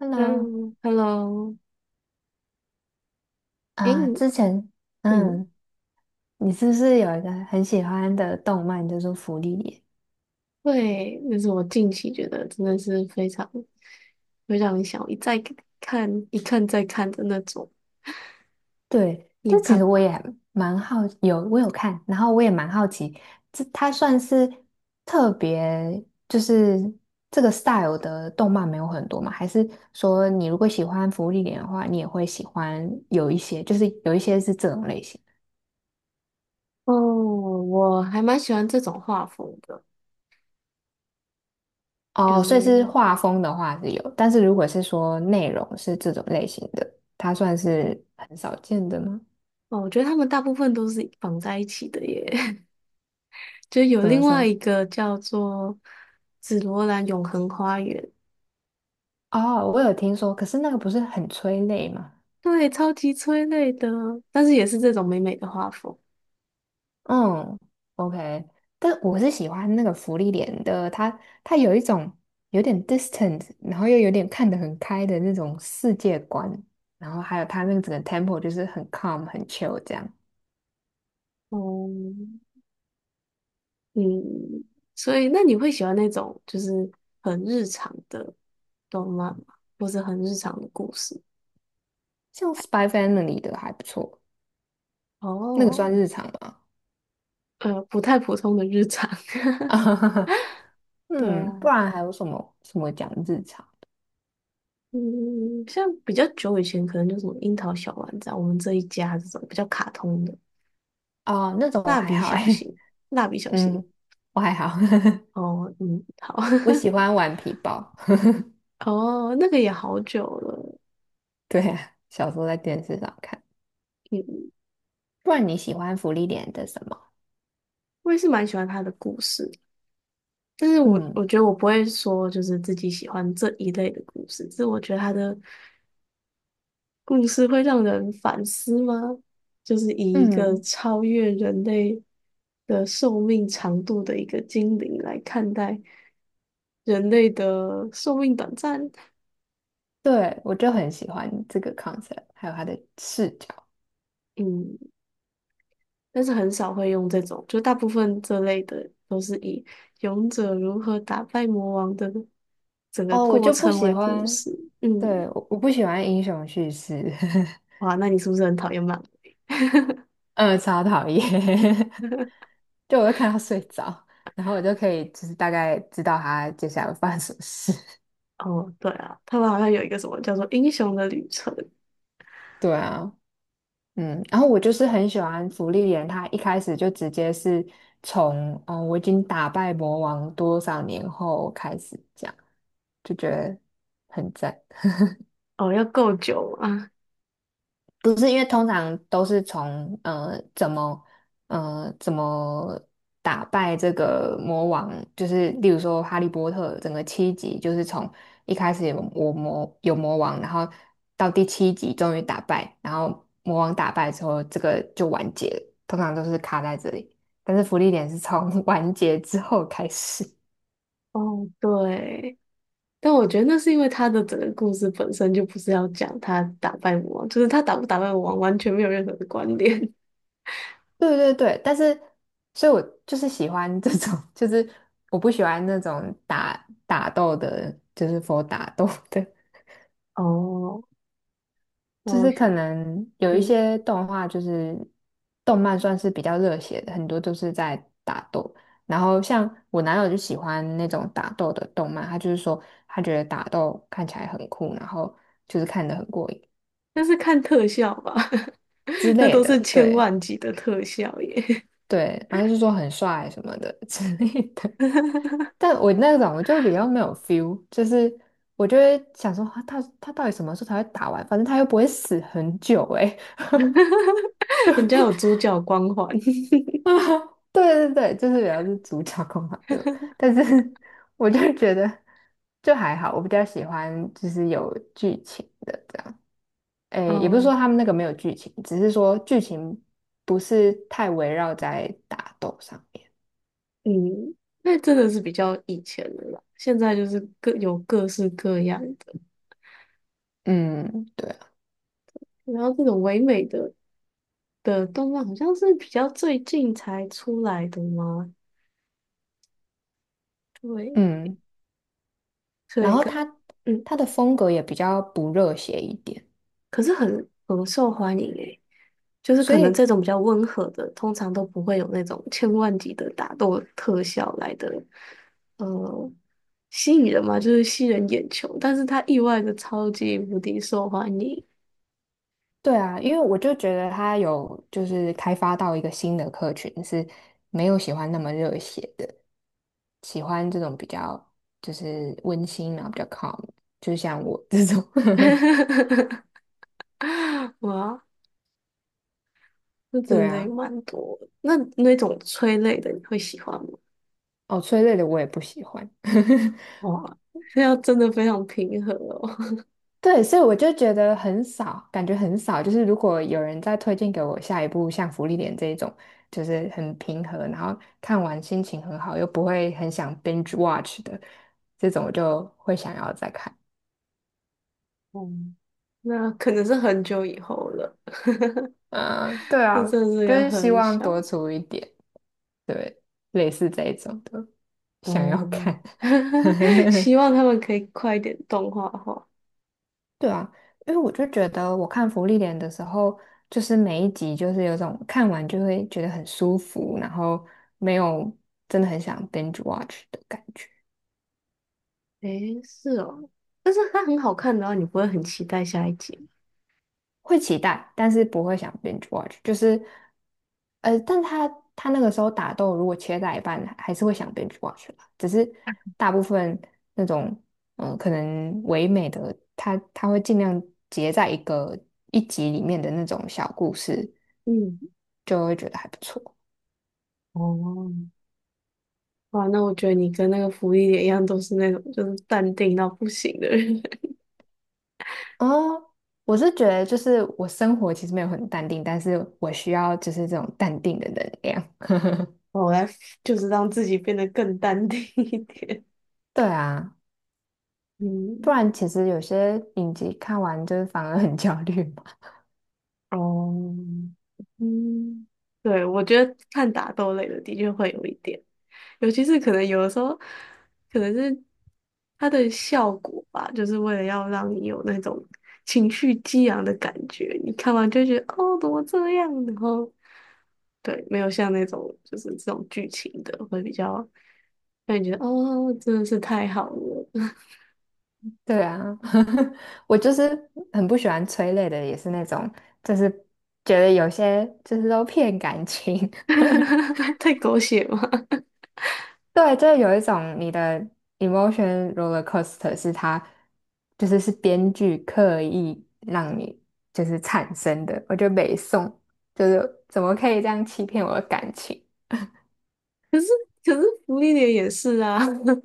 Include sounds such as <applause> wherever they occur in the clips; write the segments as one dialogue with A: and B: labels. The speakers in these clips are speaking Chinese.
A: Hello，
B: 嗯，Hello,诶，
A: 啊，
B: 你
A: 之前，
B: 嗯，
A: 嗯，你是不是有一个很喜欢的动漫叫做《芙莉莲》？
B: 对，那是我近期觉得真的是非常想一再一看再看的那种。
A: 对，
B: 你
A: 这
B: 有
A: 其
B: 看
A: 实
B: 吗？
A: 我也蛮好，我有看，然后我也蛮好奇，这它算是特别，就是这个 style 的动漫没有很多嘛？还是说你如果喜欢《芙莉莲》的话，你也会喜欢有一些，就是有一些是这种类型？
B: 哦，我还蛮喜欢这种画风的，就
A: 哦，所以是
B: 是
A: 画风的话是有，但是如果是说内容是这种类型的，它算是很少见的吗？
B: 哦，我觉得他们大部分都是绑在一起的耶。<laughs> 就有
A: 怎么
B: 另外
A: 说？
B: 一个叫做《紫罗兰永恒花园》，
A: 哦，我有听说，可是那个不是很催泪吗？
B: 对，超级催泪的，但是也是这种美美的画风。
A: 嗯，OK，但我是喜欢那个福利脸的，它有一种有点 distant，然后又有点看得很开的那种世界观，然后还有它那个整个 tempo 就是很 calm 很 chill 这样，
B: 哦，嗯，所以那你会喜欢那种就是很日常的动漫吗？或是很日常的故事？
A: 像 Spy Family 的还不错，那个算
B: 哦，
A: 日常吗？
B: 不太普通的日常。<laughs>
A: <laughs>
B: 对
A: 嗯，
B: 啊，
A: 不然还有什么什么讲日常
B: 嗯，像比较久以前可能就什么樱桃小丸子啊，我们这一家这种比较卡通的，
A: 哦，那种我
B: 蜡
A: 还
B: 笔
A: 好
B: 小
A: 哎，
B: 新，蜡笔
A: <laughs>
B: 小新。
A: 嗯，我还好，<laughs>
B: 哦，嗯，好，
A: 我喜欢玩皮包，
B: <laughs> 哦，那个也好久了，
A: <laughs> 对啊，小时候在电视上看。
B: 嗯，
A: 不然你喜欢福利点的什么？
B: 我也是蛮喜欢他的故事。但是我
A: 嗯
B: 我觉得我不会说就是自己喜欢这一类的故事，只是我觉得他的故事会让人反思吗？就是以一个
A: 嗯，
B: 超越人类的寿命长度的一个精灵来看待人类的寿命短暂，
A: 对，我就很喜欢这个 concept，还有它的视角。
B: 嗯，但是很少会用这种，就大部分这类的都是以勇者如何打败魔王的整个
A: 哦，我
B: 过
A: 就不
B: 程
A: 喜
B: 为故
A: 欢，
B: 事，嗯，
A: 对，我不喜欢英雄叙事，
B: 哇，那你是不是很讨厌漫画？
A: <laughs> 嗯，超讨厌，<laughs> 就我会看到睡着，然后我就可以就是大概知道他接下来会发生什么事。<laughs>
B: 哦，对啊，他们好像有一个什么叫做《英雄的旅程》，
A: 对啊，嗯，然后我就是很喜欢芙莉莲，她一开始就直接是从"嗯、我已经打败魔王多少年后"开始讲，就觉得很赞。
B: 哦，要够久啊。
A: 不是，因为通常都是从怎么打败这个魔王，就是例如说《哈利波特》整个七集，就是从一开始有魔王，然后到第七集终于打败，然后魔王打败之后，这个就完结了，通常都是卡在这里。但是福利点是从 <laughs> 完结之后开始。
B: 哦，对，但我觉得那是因为他的整个故事本身就不是要讲他打败魔王，就是他打不打败魔王完全没有任何的关联。
A: 对对对，但是，所以我就是喜欢这种，<laughs> 就是我不喜欢那种打斗的，就是 打斗的，
B: <laughs> 哦，
A: 就
B: 我
A: 是
B: 想，
A: 可能有一
B: 嗯，
A: 些动画，就是动漫算是比较热血的，很多都是在打斗。然后像我男友就喜欢那种打斗的动漫，他就是说他觉得打斗看起来很酷，然后就是看得很过瘾
B: 但是看特效吧，
A: 之
B: <laughs> 那
A: 类
B: 都是
A: 的，
B: 千
A: 对
B: 万级的特效耶，
A: 对，然后就说很帅什么的 <laughs> 之类的。但我那种我就比较没有 feel，就是我就会想说，啊他到底什么时候才会打完？反正他又不会死很久哎、欸，
B: <laughs> 人家有主角光环。
A: <laughs>
B: <laughs>
A: 哎，对对对，就是比较是主角控嘛，就，但是 <laughs> 我就觉得就还好，我比较喜欢就是有剧情的这样，诶，也不是说
B: 嗯
A: 他们那个没有剧情，只是说剧情不是太围绕在打斗上面，
B: 嗯，那真的是比较以前的啦，现在就是各有各式各样的，
A: 嗯，对啊，
B: 然后这种唯美的动漫好像是比较最近才出来的吗？对，
A: 嗯，
B: 所
A: 然
B: 以
A: 后
B: 可
A: 他
B: 嗯，
A: 他的风格也比较不热血一点。
B: 可是很受欢迎诶，就是
A: 所
B: 可能这
A: 以
B: 种比较温和的，通常都不会有那种千万级的打斗特效来的，呃，吸引人嘛，就是吸人眼球，但是它意外的超级无敌受欢迎，
A: 对啊，因为我就觉得他有就是开发到一个新的客群，是没有喜欢那么热血的，喜欢这种比较就是温馨然后比较 calm，就像我这种。<laughs>
B: <laughs> 哇，那
A: 对
B: 真的也
A: 啊，
B: 蛮多的那那种催泪的你会喜欢吗？
A: 哦，催泪的我也不喜欢。<laughs>
B: 哇，这要真的非常平和哦，
A: 对，所以我就觉得很少，感觉很少。就是如果有人再推荐给我下一部像《福利点》这一种，就是很平和，然后看完心情很好，又不会很想 binge watch 的这种，我就会想要再看。
B: <laughs> 嗯，那可能是很久以后了。
A: 嗯，对
B: 这
A: 啊，
B: 真的是
A: 就
B: 个
A: 是希
B: 很
A: 望多
B: 小，
A: 出一点，对，类似这一种的，想要
B: 哦，
A: 看。
B: <laughs>
A: <laughs>
B: 希望他们可以快一点动画化。
A: 对啊，因为我就觉得我看福利莲的时候，就是每一集就是有种看完就会觉得很舒服，然后没有真的很想 binge watch 的感觉。
B: 诶，是哦，但是它很好看的话，你不会很期待下一集吗
A: 会期待，但是不会想 binge watch，就是，但他那个时候打斗如果切在一半，还是会想 binge watch 啦。只是大部分那种，可能唯美的，他会尽量结在一个一集里面的那种小故事，
B: 嗯，
A: 就会觉得还不错。
B: 哦，哇，那我觉得你跟那个福利点一样，都是那种就是淡定到不行的人。
A: 哦，我是觉得就是我生活其实没有很淡定，但是我需要就是这种淡定的能量。
B: <laughs> 我来就是让自己变得更淡定一点。
A: 对啊，不
B: 嗯
A: 然其实有些影集看完就是反而很焦虑。
B: 哦，嗯，对，我觉得看打斗类的的确会有一点。尤其是可能有的时候，可能是它的效果吧，就是为了要让你有那种情绪激昂的感觉。你看完就会觉得哦，怎么这样？然后对，没有像那种就是这种剧情的会比较觉得哦，真的是太好了，
A: 对啊，<laughs> 我就是很不喜欢催泪的，也是那种，就是觉得有些就是都骗感情。<laughs>
B: <laughs> 太狗血嘛。<laughs>
A: 对，就是有一种你的 emotion roller coaster 是它就是是编剧刻意让你就是产生的，我觉得北宋就是怎么可以这样欺骗我的感情？
B: 可是福利点也是啊，<laughs>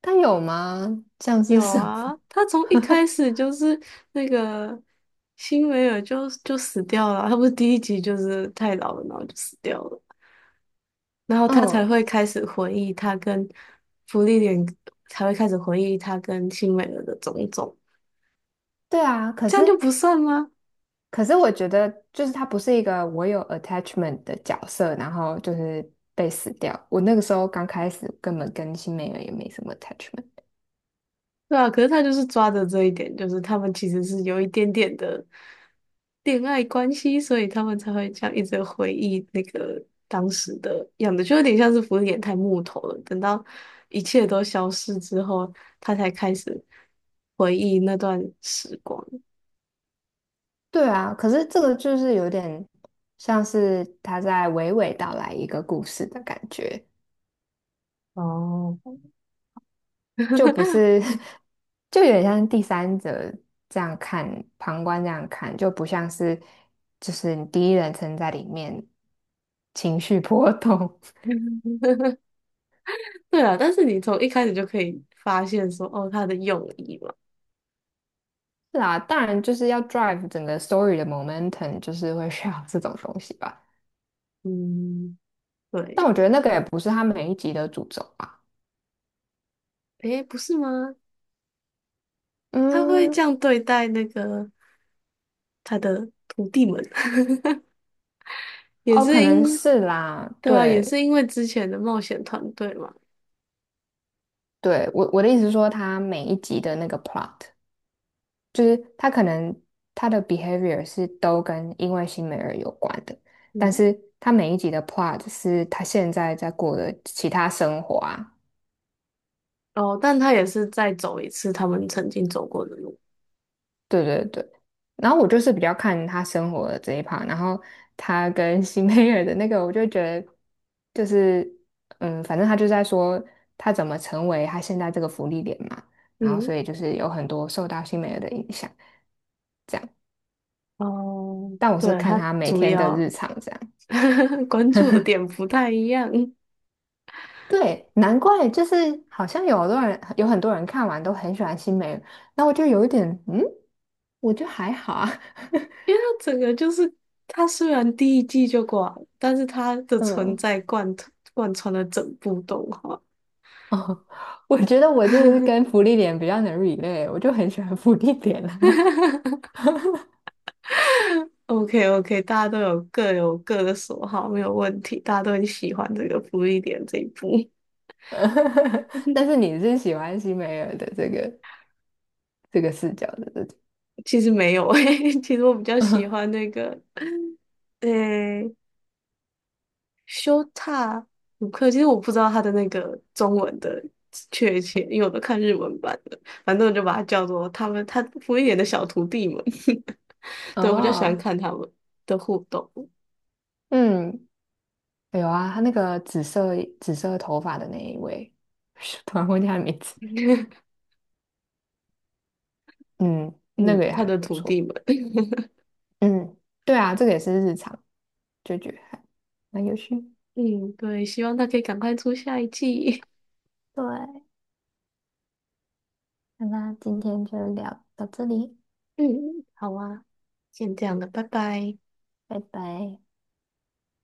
A: 但有吗？像是
B: 有
A: 什
B: 啊，
A: 么？
B: 他从一开
A: <laughs>
B: 始就是那个辛维尔就死掉了啊他不是第一集就是太老了，然后就死掉了，然后他才会
A: 嗯，
B: 开始回忆他跟芙莉莲，才会开始回忆他跟辛维尔的种种，
A: 对啊，可
B: 这
A: 是。
B: 样就不算吗？
A: 可是我觉得，就是他不是一个我有 attachment 的角色，然后就是被死掉。我那个时候刚开始根本跟新美人也没什么 attachment。
B: 对啊，可是他就是抓着这一点，就是他们其实是有一点点的恋爱关系，所以他们才会这样一直回忆那个当时的样子，就有点像是福原太木头了。等到一切都消失之后，他才开始回忆那段时光。
A: 对啊，可是这个就是有点像是他在娓娓道来一个故事的感觉，
B: 哦，
A: 就不是，<laughs> 就有点像第三者这样看，旁观这样看，就不像是就是你第一人称在里面情绪波动。
B: <laughs> 嗯对啊，但是你从一开始就可以发现说，哦，他的用意嘛，
A: 是啊，当然就是要 drive 整个 story 的 momentum，就是会需要这种东西吧。
B: 嗯，
A: 但
B: 对，
A: 我觉得那个也不是他每一集的主轴吧。
B: 诶，不是吗？他会这
A: 嗯，
B: 样对待那个。他的徒弟们，<laughs> 也
A: 哦，
B: 是
A: 可
B: 因
A: 能
B: 为
A: 是啦。
B: 对啊，也是
A: 对，
B: 因为之前的冒险团队嘛，
A: 对，我的意思是说，他每一集的那个 plot，就是他可能他的 behavior 是都跟因为新美尔有关的，但
B: 嗯，
A: 是他每一集的 plot 是他现在在过的其他生活啊，
B: 哦，但他也是再走一次他们曾经走过的路，
A: 对对对，然后我就是比较看他生活的这一趴，然后他跟 <laughs> 新美尔的那个，我就觉得就是，嗯，反正他就在说他怎么成为他现在这个福利点嘛，然后
B: 嗯，
A: 所以就是有很多受到新美尔的影响，这样。
B: 哦，
A: 但我是
B: 对，
A: 看
B: 他
A: 他每
B: 主
A: 天的
B: 要
A: 日常这样，
B: <laughs> 关注的点不太一样，<laughs> 因为
A: 对，难怪就是好像有很多人看完都很喜欢新美尔，那我就有一点，嗯，我就还好啊，
B: 他整个就是他虽然第一季就挂了，但是他的
A: <laughs>
B: 存
A: 嗯。
B: 在贯穿了整部动画。
A: 哦，我觉得我就是跟福利脸比较能 relate，我就很喜欢福利脸啦。
B: <laughs> OK OK,大家都有各有各的所好，没有问题。大家都很喜欢这个福利点这一部。
A: <laughs> 但是你是喜欢西梅尔的这个视角的，对不对？
B: <laughs> 其实没有诶、<laughs> 其实我比较喜
A: <laughs>
B: 欢那个诶、修塔鲁克。其实我不知道他的那个中文的确切，因为我都看日文版的。反正我就把它叫做他们他福利点的小徒弟们。<laughs> 对，我比较喜欢
A: 哦，
B: 看他们的互动。
A: 嗯，有啊，他那个紫色头发的那一位，<laughs> 突然忘记他的名字。
B: <laughs>
A: 嗯，那
B: 嗯，
A: 个也还
B: 他的
A: 不
B: 徒
A: 错。
B: 弟们。<laughs>
A: 嗯，对啊，这个也是日常，就觉得还蛮有趣。
B: 嗯，对，希望他可以赶快出下一季。
A: 对，那今天就聊到这里，
B: 嗯，好啊，先这样了，拜拜。
A: 拜拜。